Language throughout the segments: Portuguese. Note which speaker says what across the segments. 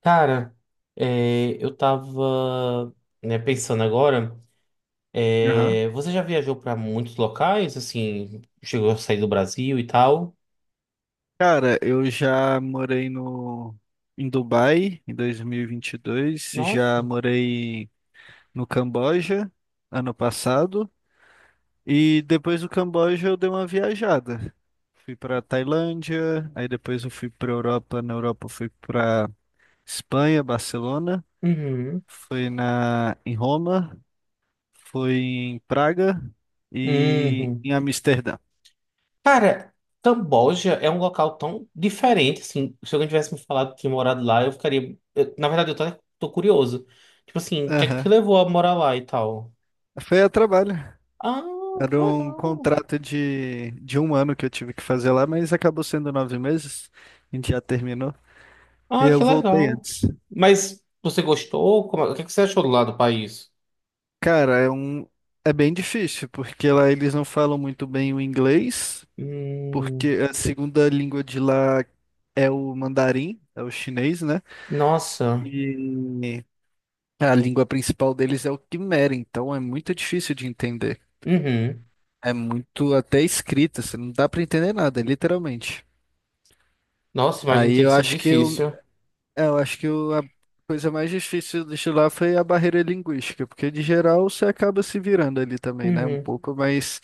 Speaker 1: Cara, eu tava, né, pensando agora,
Speaker 2: Aham.
Speaker 1: você já viajou pra muitos locais, assim, chegou a sair do Brasil e tal?
Speaker 2: Cara, eu já morei no em Dubai em dois mil e vinte e dois.
Speaker 1: Nossa.
Speaker 2: Já morei no Camboja ano passado e depois do Camboja eu dei uma viajada. Fui para Tailândia, aí depois eu fui para Europa, na Europa eu fui para Espanha, Barcelona,
Speaker 1: Uhum.
Speaker 2: fui na em Roma, fui em Praga e
Speaker 1: Uhum.
Speaker 2: em Amsterdã.
Speaker 1: Cara, Camboja é um local tão diferente, assim, se alguém tivesse me falado que tinha morado lá, eu ficaria, na verdade, tô curioso. Tipo assim, o que é que
Speaker 2: Aham.
Speaker 1: te levou a morar lá e tal?
Speaker 2: Foi a trabalho.
Speaker 1: Ah, que
Speaker 2: Era um
Speaker 1: legal.
Speaker 2: contrato de um ano que eu tive que fazer lá, mas acabou sendo 9 meses. A gente já terminou. E
Speaker 1: Ah,
Speaker 2: eu
Speaker 1: que
Speaker 2: voltei
Speaker 1: legal.
Speaker 2: antes.
Speaker 1: Mas você gostou? O que é que você achou do lado do país?
Speaker 2: Cara, é bem difícil, porque lá eles não falam muito bem o inglês,
Speaker 1: Hum,
Speaker 2: porque a segunda língua de lá é o mandarim, é o chinês, né?
Speaker 1: nossa.
Speaker 2: E a língua principal deles é o quimera, então é muito difícil de entender.
Speaker 1: Uhum.
Speaker 2: É muito até escrita, você não dá pra entender nada, literalmente.
Speaker 1: Nossa, imagina
Speaker 2: Aí
Speaker 1: ter
Speaker 2: eu
Speaker 1: sido
Speaker 2: acho que eu
Speaker 1: difícil.
Speaker 2: É, Eu acho que a coisa mais difícil de lá foi a barreira linguística, porque de geral você acaba se virando ali também, né? Um
Speaker 1: Uhum.
Speaker 2: pouco, mas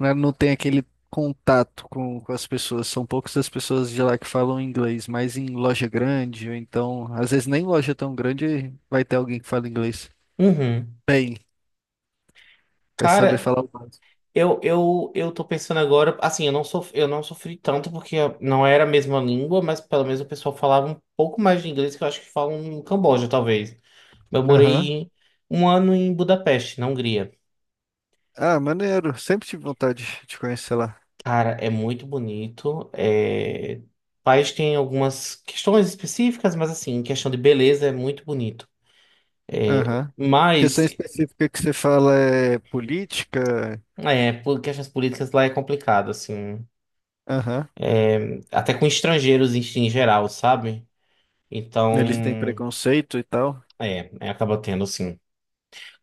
Speaker 2: né, não tem aquele contato com as pessoas. São poucas as pessoas de lá que falam inglês, mas em loja grande, ou então, às vezes nem loja tão grande vai ter alguém que fala inglês.
Speaker 1: Uhum.
Speaker 2: Bem, vai saber
Speaker 1: Cara,
Speaker 2: falar o básico.
Speaker 1: eu tô pensando agora, assim, eu não sofri tanto porque não era a mesma língua, mas pelo menos o pessoal falava um pouco mais de inglês que eu acho que falam no Camboja, talvez. Eu
Speaker 2: Aham.
Speaker 1: morei um ano em Budapeste, na Hungria.
Speaker 2: Ah, maneiro. Sempre tive vontade de conhecer lá.
Speaker 1: Cara, é muito bonito. É. O país tem algumas questões específicas, mas assim, em questão de beleza é muito bonito.
Speaker 2: Aham.
Speaker 1: Mas
Speaker 2: Questão específica que você fala é política?
Speaker 1: é, porque questões políticas lá é complicado, assim.
Speaker 2: Aham.
Speaker 1: Até com estrangeiros em, em geral, sabe?
Speaker 2: Eles têm
Speaker 1: Então,
Speaker 2: preconceito e tal.
Speaker 1: acaba tendo, assim.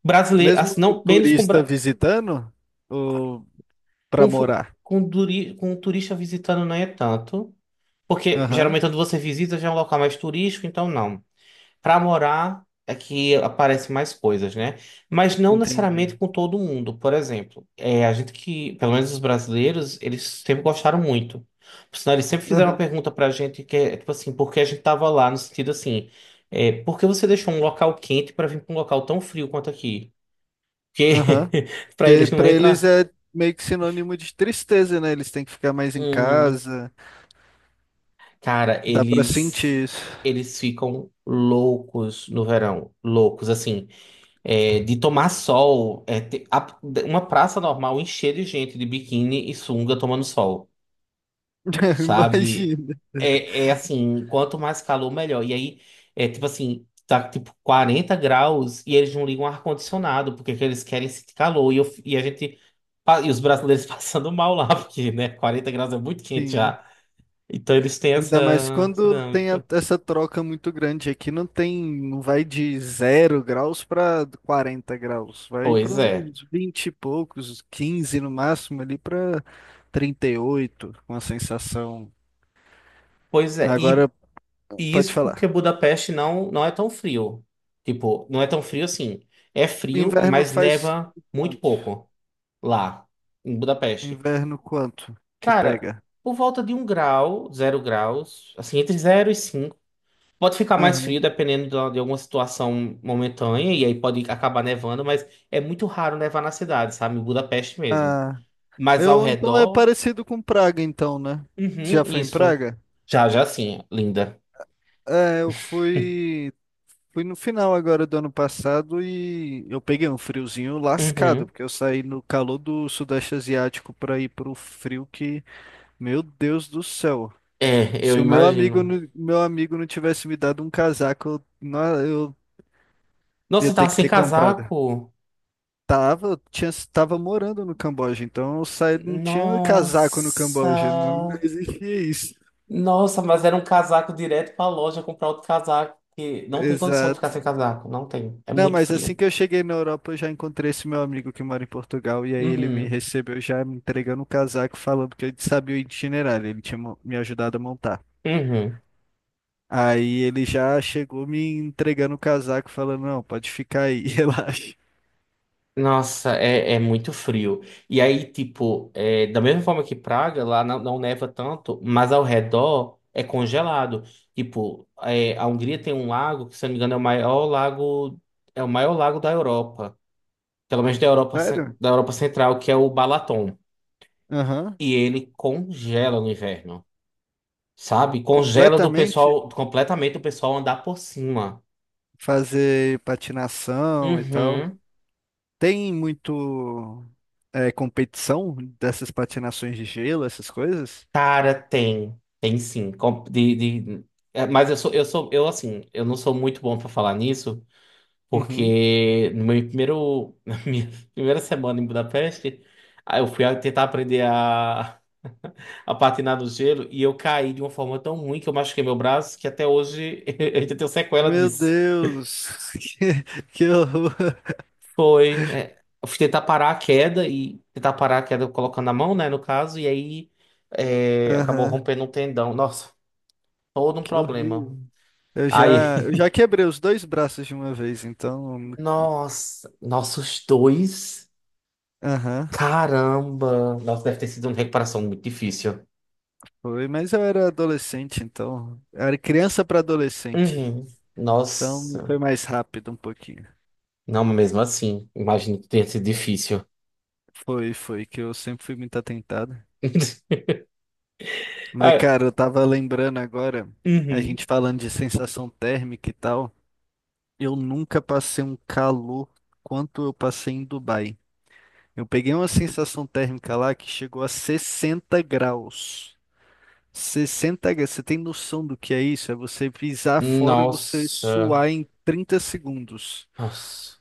Speaker 1: Brasileiro,
Speaker 2: Mesmo
Speaker 1: assim,
Speaker 2: o
Speaker 1: não, menos com,
Speaker 2: turista
Speaker 1: bra-
Speaker 2: visitando ou para
Speaker 1: com, fu-
Speaker 2: morar?
Speaker 1: com, duri- com turista visitando não é tanto. Porque
Speaker 2: Aham,
Speaker 1: geralmente quando você visita já é um local mais turístico, então não. Para morar é que aparecem mais coisas, né? Mas não
Speaker 2: entendi.
Speaker 1: necessariamente com todo mundo. Por exemplo, é, a gente que, pelo menos os brasileiros, eles sempre gostaram muito. Por sinal, eles sempre fizeram uma
Speaker 2: Aham,
Speaker 1: pergunta pra gente que é tipo assim, por que a gente tava lá? No sentido assim, é, por que você deixou um local quente para vir para um local tão frio quanto aqui? Porque
Speaker 2: aham.
Speaker 1: para
Speaker 2: Que
Speaker 1: eles não
Speaker 2: para eles
Speaker 1: entra.
Speaker 2: é meio que sinônimo de tristeza, né? Eles têm que ficar mais em
Speaker 1: Uhum.
Speaker 2: casa.
Speaker 1: Cara,
Speaker 2: Dá para
Speaker 1: eles
Speaker 2: sentir isso.
Speaker 1: eles ficam loucos no verão, loucos assim. É, de tomar sol, uma praça normal encher de gente de biquíni e sunga tomando sol, sabe?
Speaker 2: Imagina.
Speaker 1: É, é assim, quanto mais calor, melhor. E aí, é tipo assim, tá tipo 40 graus e eles não ligam o ar-condicionado, porque que eles querem sentir calor. E, a gente, os brasileiros passando mal lá, porque, né, 40 graus é muito quente
Speaker 2: Sim.
Speaker 1: já. Então eles têm essa,
Speaker 2: Ainda mais
Speaker 1: essa
Speaker 2: quando tem
Speaker 1: dinâmica.
Speaker 2: essa troca muito grande. Aqui não tem, não vai de 0 graus para 40 graus. Vai
Speaker 1: Pois
Speaker 2: para
Speaker 1: é.
Speaker 2: uns 20 e poucos, 15 no máximo, ali para 38 com a sensação.
Speaker 1: Pois é.
Speaker 2: Agora,
Speaker 1: E
Speaker 2: pode
Speaker 1: isso porque
Speaker 2: falar.
Speaker 1: Budapeste não, não é tão frio. Tipo, não é tão frio assim. É frio,
Speaker 2: Inverno
Speaker 1: mas
Speaker 2: faz
Speaker 1: neva muito
Speaker 2: quanto?
Speaker 1: pouco lá, em Budapeste.
Speaker 2: Inverno quanto que
Speaker 1: Cara,
Speaker 2: pega?
Speaker 1: por volta de um grau, zero graus, assim, entre zero e cinco. Pode ficar mais frio
Speaker 2: Aham.
Speaker 1: dependendo de alguma situação momentânea, e aí pode acabar nevando, mas é muito raro nevar na cidade, sabe? Em Budapeste mesmo.
Speaker 2: Ah,
Speaker 1: Mas ao
Speaker 2: eu então é
Speaker 1: redor,
Speaker 2: parecido com Praga, então, né? Você já
Speaker 1: uhum,
Speaker 2: foi em
Speaker 1: isso.
Speaker 2: Praga?
Speaker 1: Já, já sim, linda.
Speaker 2: É, eu fui. Fui no final agora do ano passado e eu peguei um friozinho lascado,
Speaker 1: Uhum.
Speaker 2: porque eu saí no calor do Sudeste Asiático para ir pro frio que, meu Deus do céu.
Speaker 1: É, eu
Speaker 2: Se o meu amigo,
Speaker 1: imagino.
Speaker 2: meu amigo não tivesse me dado um casaco, eu
Speaker 1: Nossa,
Speaker 2: ia
Speaker 1: você
Speaker 2: ter
Speaker 1: tava
Speaker 2: que
Speaker 1: sem
Speaker 2: ter comprado.
Speaker 1: casaco.
Speaker 2: Tava, eu tinha, tava morando no Camboja, então eu saí, não tinha casaco no
Speaker 1: Nossa.
Speaker 2: Camboja, não existia isso.
Speaker 1: Nossa, mas era um casaco direto pra loja comprar outro casaco. Que não tem condição de ficar sem
Speaker 2: Exato.
Speaker 1: casaco. Não tem. É
Speaker 2: Não,
Speaker 1: muito
Speaker 2: mas assim
Speaker 1: frio.
Speaker 2: que eu cheguei na Europa, eu já encontrei esse meu amigo que mora em Portugal, e aí ele me
Speaker 1: Uhum.
Speaker 2: recebeu já me entregando o casaco, falando que ele sabia o itinerário, ele tinha me ajudado a montar.
Speaker 1: Uhum.
Speaker 2: Aí ele já chegou me entregando o casaco, falando, não, pode ficar aí, relaxa.
Speaker 1: Nossa, é, é muito frio. E aí, tipo, é, da mesma forma que Praga, lá não, não neva tanto, mas ao redor é congelado. Tipo, é, a Hungria tem um lago que, se eu não me engano, é o maior lago, é o maior lago da Europa. Pelo menos da Europa,
Speaker 2: Sério?
Speaker 1: da Europa Central, que é o Balaton.
Speaker 2: Aham.
Speaker 1: E ele congela no inverno, sabe? Congela do
Speaker 2: Completamente
Speaker 1: pessoal, completamente o pessoal andar por cima.
Speaker 2: fazer patinação e tal.
Speaker 1: Uhum.
Speaker 2: Tem muito competição dessas patinações de gelo, essas coisas?
Speaker 1: Cara, tem. Tem sim. Mas eu sou, eu sou, eu assim, eu não sou muito bom pra falar nisso,
Speaker 2: Uhum.
Speaker 1: porque no meu primeiro, na minha primeira semana em Budapeste, aí eu fui tentar aprender a patinar no gelo e eu caí de uma forma tão ruim que eu machuquei meu braço que até hoje eu ainda tenho sequela
Speaker 2: Meu
Speaker 1: disso.
Speaker 2: Deus, que, que horror.
Speaker 1: Foi. É, eu fui tentar parar a queda e tentar parar a queda colocando a mão, né, no caso, e aí é, acabou
Speaker 2: Aham,
Speaker 1: rompendo um tendão. Nossa, todo um
Speaker 2: que horrível.
Speaker 1: problema.
Speaker 2: Eu
Speaker 1: Aí,
Speaker 2: já, eu já quebrei os dois braços de uma vez, então.
Speaker 1: nossa, nossos dois.
Speaker 2: Aham,
Speaker 1: Caramba! Nossa, deve ter sido uma recuperação muito difícil.
Speaker 2: foi, mas eu era adolescente, então. Eu era criança para adolescente.
Speaker 1: Uhum.
Speaker 2: Então
Speaker 1: Nossa.
Speaker 2: foi mais rápido um pouquinho.
Speaker 1: Não, mas mesmo assim, imagino que tenha sido difícil.
Speaker 2: Foi, foi, que eu sempre fui muito atentado. Mas,
Speaker 1: Ah,
Speaker 2: cara, eu tava lembrando agora, a
Speaker 1: uhum.
Speaker 2: gente falando de sensação térmica e tal. Eu nunca passei um calor quanto eu passei em Dubai. Eu peguei uma sensação térmica lá que chegou a 60 graus. Você senta, você tem noção do que é isso? É você pisar fora, você
Speaker 1: Nossa,
Speaker 2: suar em 30 segundos.
Speaker 1: nossa.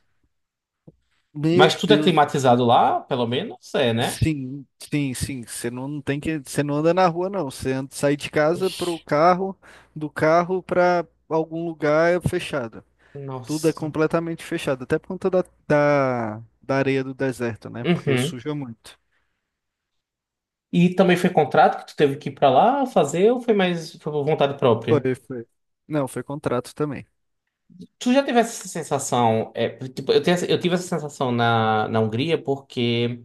Speaker 1: Mas
Speaker 2: Meu
Speaker 1: tudo é
Speaker 2: Deus do céu.
Speaker 1: climatizado lá, pelo menos é, né?
Speaker 2: Sim, sim, sim. Você não anda na rua, não. Sai de casa
Speaker 1: Ixi,
Speaker 2: pro carro, do carro para algum lugar fechado. Tudo é
Speaker 1: nossa.
Speaker 2: completamente fechado, até por conta da areia do deserto, né? Porque
Speaker 1: Uhum.
Speaker 2: suja muito.
Speaker 1: E também foi contrato que tu teve que ir pra lá fazer ou foi mais foi por vontade própria?
Speaker 2: Foi, foi. Não, foi contrato também.
Speaker 1: Tu já teve essa sensação? É, tipo, tenho eu tive essa sensação na, na Hungria porque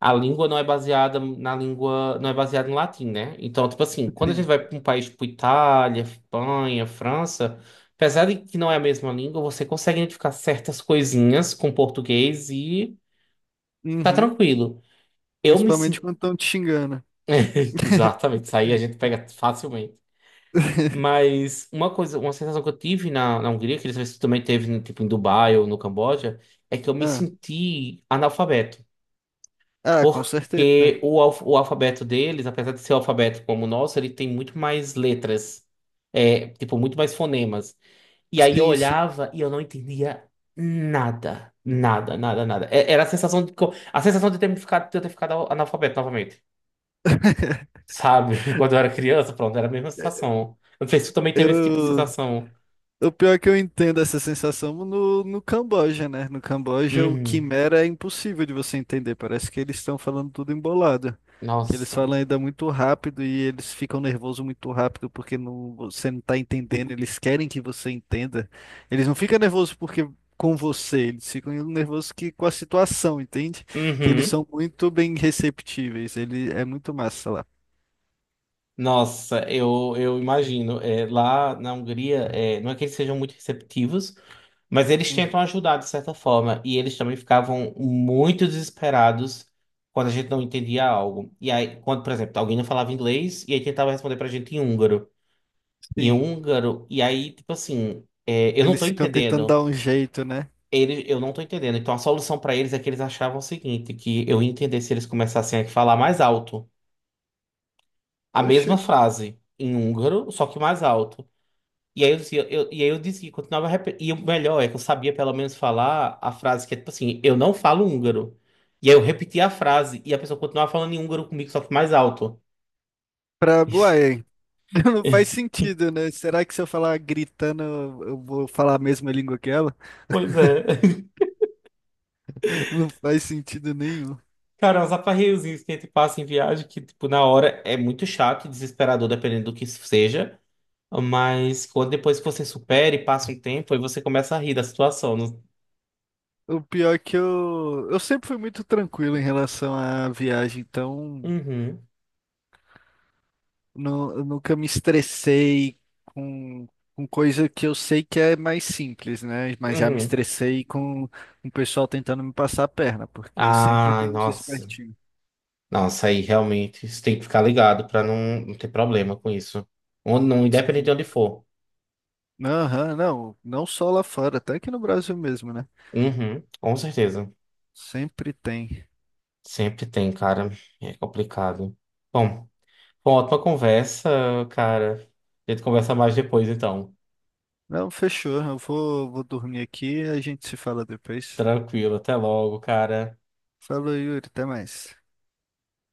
Speaker 1: a língua não é baseada na língua, não é baseada em latim, né? Então, tipo assim, quando a gente
Speaker 2: Sim.
Speaker 1: vai para um país tipo Itália, Espanha, França, apesar de que não é a mesma língua, você consegue identificar certas coisinhas com português e tá
Speaker 2: Uhum.
Speaker 1: tranquilo. Eu me
Speaker 2: Principalmente
Speaker 1: sinto.
Speaker 2: quando estão te xingando.
Speaker 1: Exatamente, isso aí a gente pega facilmente. Mas uma coisa, uma sensação que eu tive na, na Hungria, que eles também teve tipo, em Dubai ou no Camboja, é que eu me
Speaker 2: Ah.
Speaker 1: senti analfabeto.
Speaker 2: Ah, com
Speaker 1: Porque
Speaker 2: certeza.
Speaker 1: o alfabeto deles, apesar de ser o alfabeto como o nosso, ele tem muito mais letras. É, tipo, muito mais fonemas. E aí eu
Speaker 2: Sim, sim.
Speaker 1: olhava e eu não entendia nada. Nada, nada, nada. Era a sensação de, a sensação de de eu ter ficado analfabeto novamente. Sabe? Quando eu era criança, pronto, era a mesma sensação. Eu não sei se tu também teve esse tipo de
Speaker 2: Eu,
Speaker 1: sensação.
Speaker 2: o pior é que eu entendo essa sensação no Camboja, né? No Camboja, o
Speaker 1: Uhum.
Speaker 2: Quimera é impossível de você entender. Parece que eles estão falando tudo embolado. Que eles
Speaker 1: Nossa.
Speaker 2: falam ainda muito rápido e eles ficam nervosos muito rápido porque não, você não está entendendo. Eles querem que você entenda. Eles não ficam nervosos porque com você, eles ficam nervosos que, com a situação, entende? Que eles
Speaker 1: Uhum.
Speaker 2: são muito bem receptíveis. Ele é muito massa lá.
Speaker 1: Nossa, eu imagino. É, lá na Hungria, é, não é que eles sejam muito receptivos. Mas eles
Speaker 2: Uhum.
Speaker 1: tentam ajudar de certa forma, e eles também ficavam muito desesperados quando a gente não entendia algo. E aí, quando, por exemplo, alguém não falava inglês, e aí tentava responder pra gente em húngaro. Em
Speaker 2: Sim.
Speaker 1: húngaro, e aí, tipo assim, é, eu não tô
Speaker 2: Eles ficam tentando
Speaker 1: entendendo.
Speaker 2: dar um jeito, né?
Speaker 1: Eles, eu não tô entendendo. Então a solução pra eles é que eles achavam o seguinte, que eu ia entender se eles começassem a falar mais alto. A mesma
Speaker 2: Oxe,
Speaker 1: frase em húngaro, só que mais alto. E aí e aí eu disse que continuava repetindo. E o melhor é que eu sabia pelo menos falar a frase que é tipo assim, eu não falo húngaro. E aí eu repeti a frase e a pessoa continuava falando em húngaro comigo, só que mais alto.
Speaker 2: pra. Uai, não faz sentido, né? Será que se eu falar gritando, eu vou falar a mesma língua que ela?
Speaker 1: Pois é.
Speaker 2: Não faz sentido nenhum.
Speaker 1: Cara, uns aperreiozinhos que a gente passa em viagem que, tipo, na hora é muito chato e desesperador, dependendo do que isso seja. Mas quando depois que você supera e passa um tempo, aí você começa a rir da situação. Não-
Speaker 2: O pior é que eu. Eu sempre fui muito tranquilo em relação à viagem, então.
Speaker 1: uhum,
Speaker 2: Não, eu nunca me estressei com, com coisa que eu sei que é mais simples, né? Mas já me
Speaker 1: uhum.
Speaker 2: estressei com o pessoal tentando me passar a perna, porque sempre
Speaker 1: Ah,
Speaker 2: tem uns
Speaker 1: nossa.
Speaker 2: espertinhos.
Speaker 1: Nossa, aí realmente você tem que ficar ligado pra não ter problema com isso. Onde, não, independente de onde for.
Speaker 2: Aham, não, não só lá fora, até aqui no Brasil mesmo, né?
Speaker 1: Uhum, com certeza.
Speaker 2: Sempre tem.
Speaker 1: Sempre tem, cara. É complicado. Bom, foi uma ótima conversa, cara. A gente conversa mais depois, então.
Speaker 2: Não, fechou. Eu vou dormir aqui e a gente se fala depois.
Speaker 1: Tranquilo, até logo, cara.
Speaker 2: Falou, Yuri, até mais.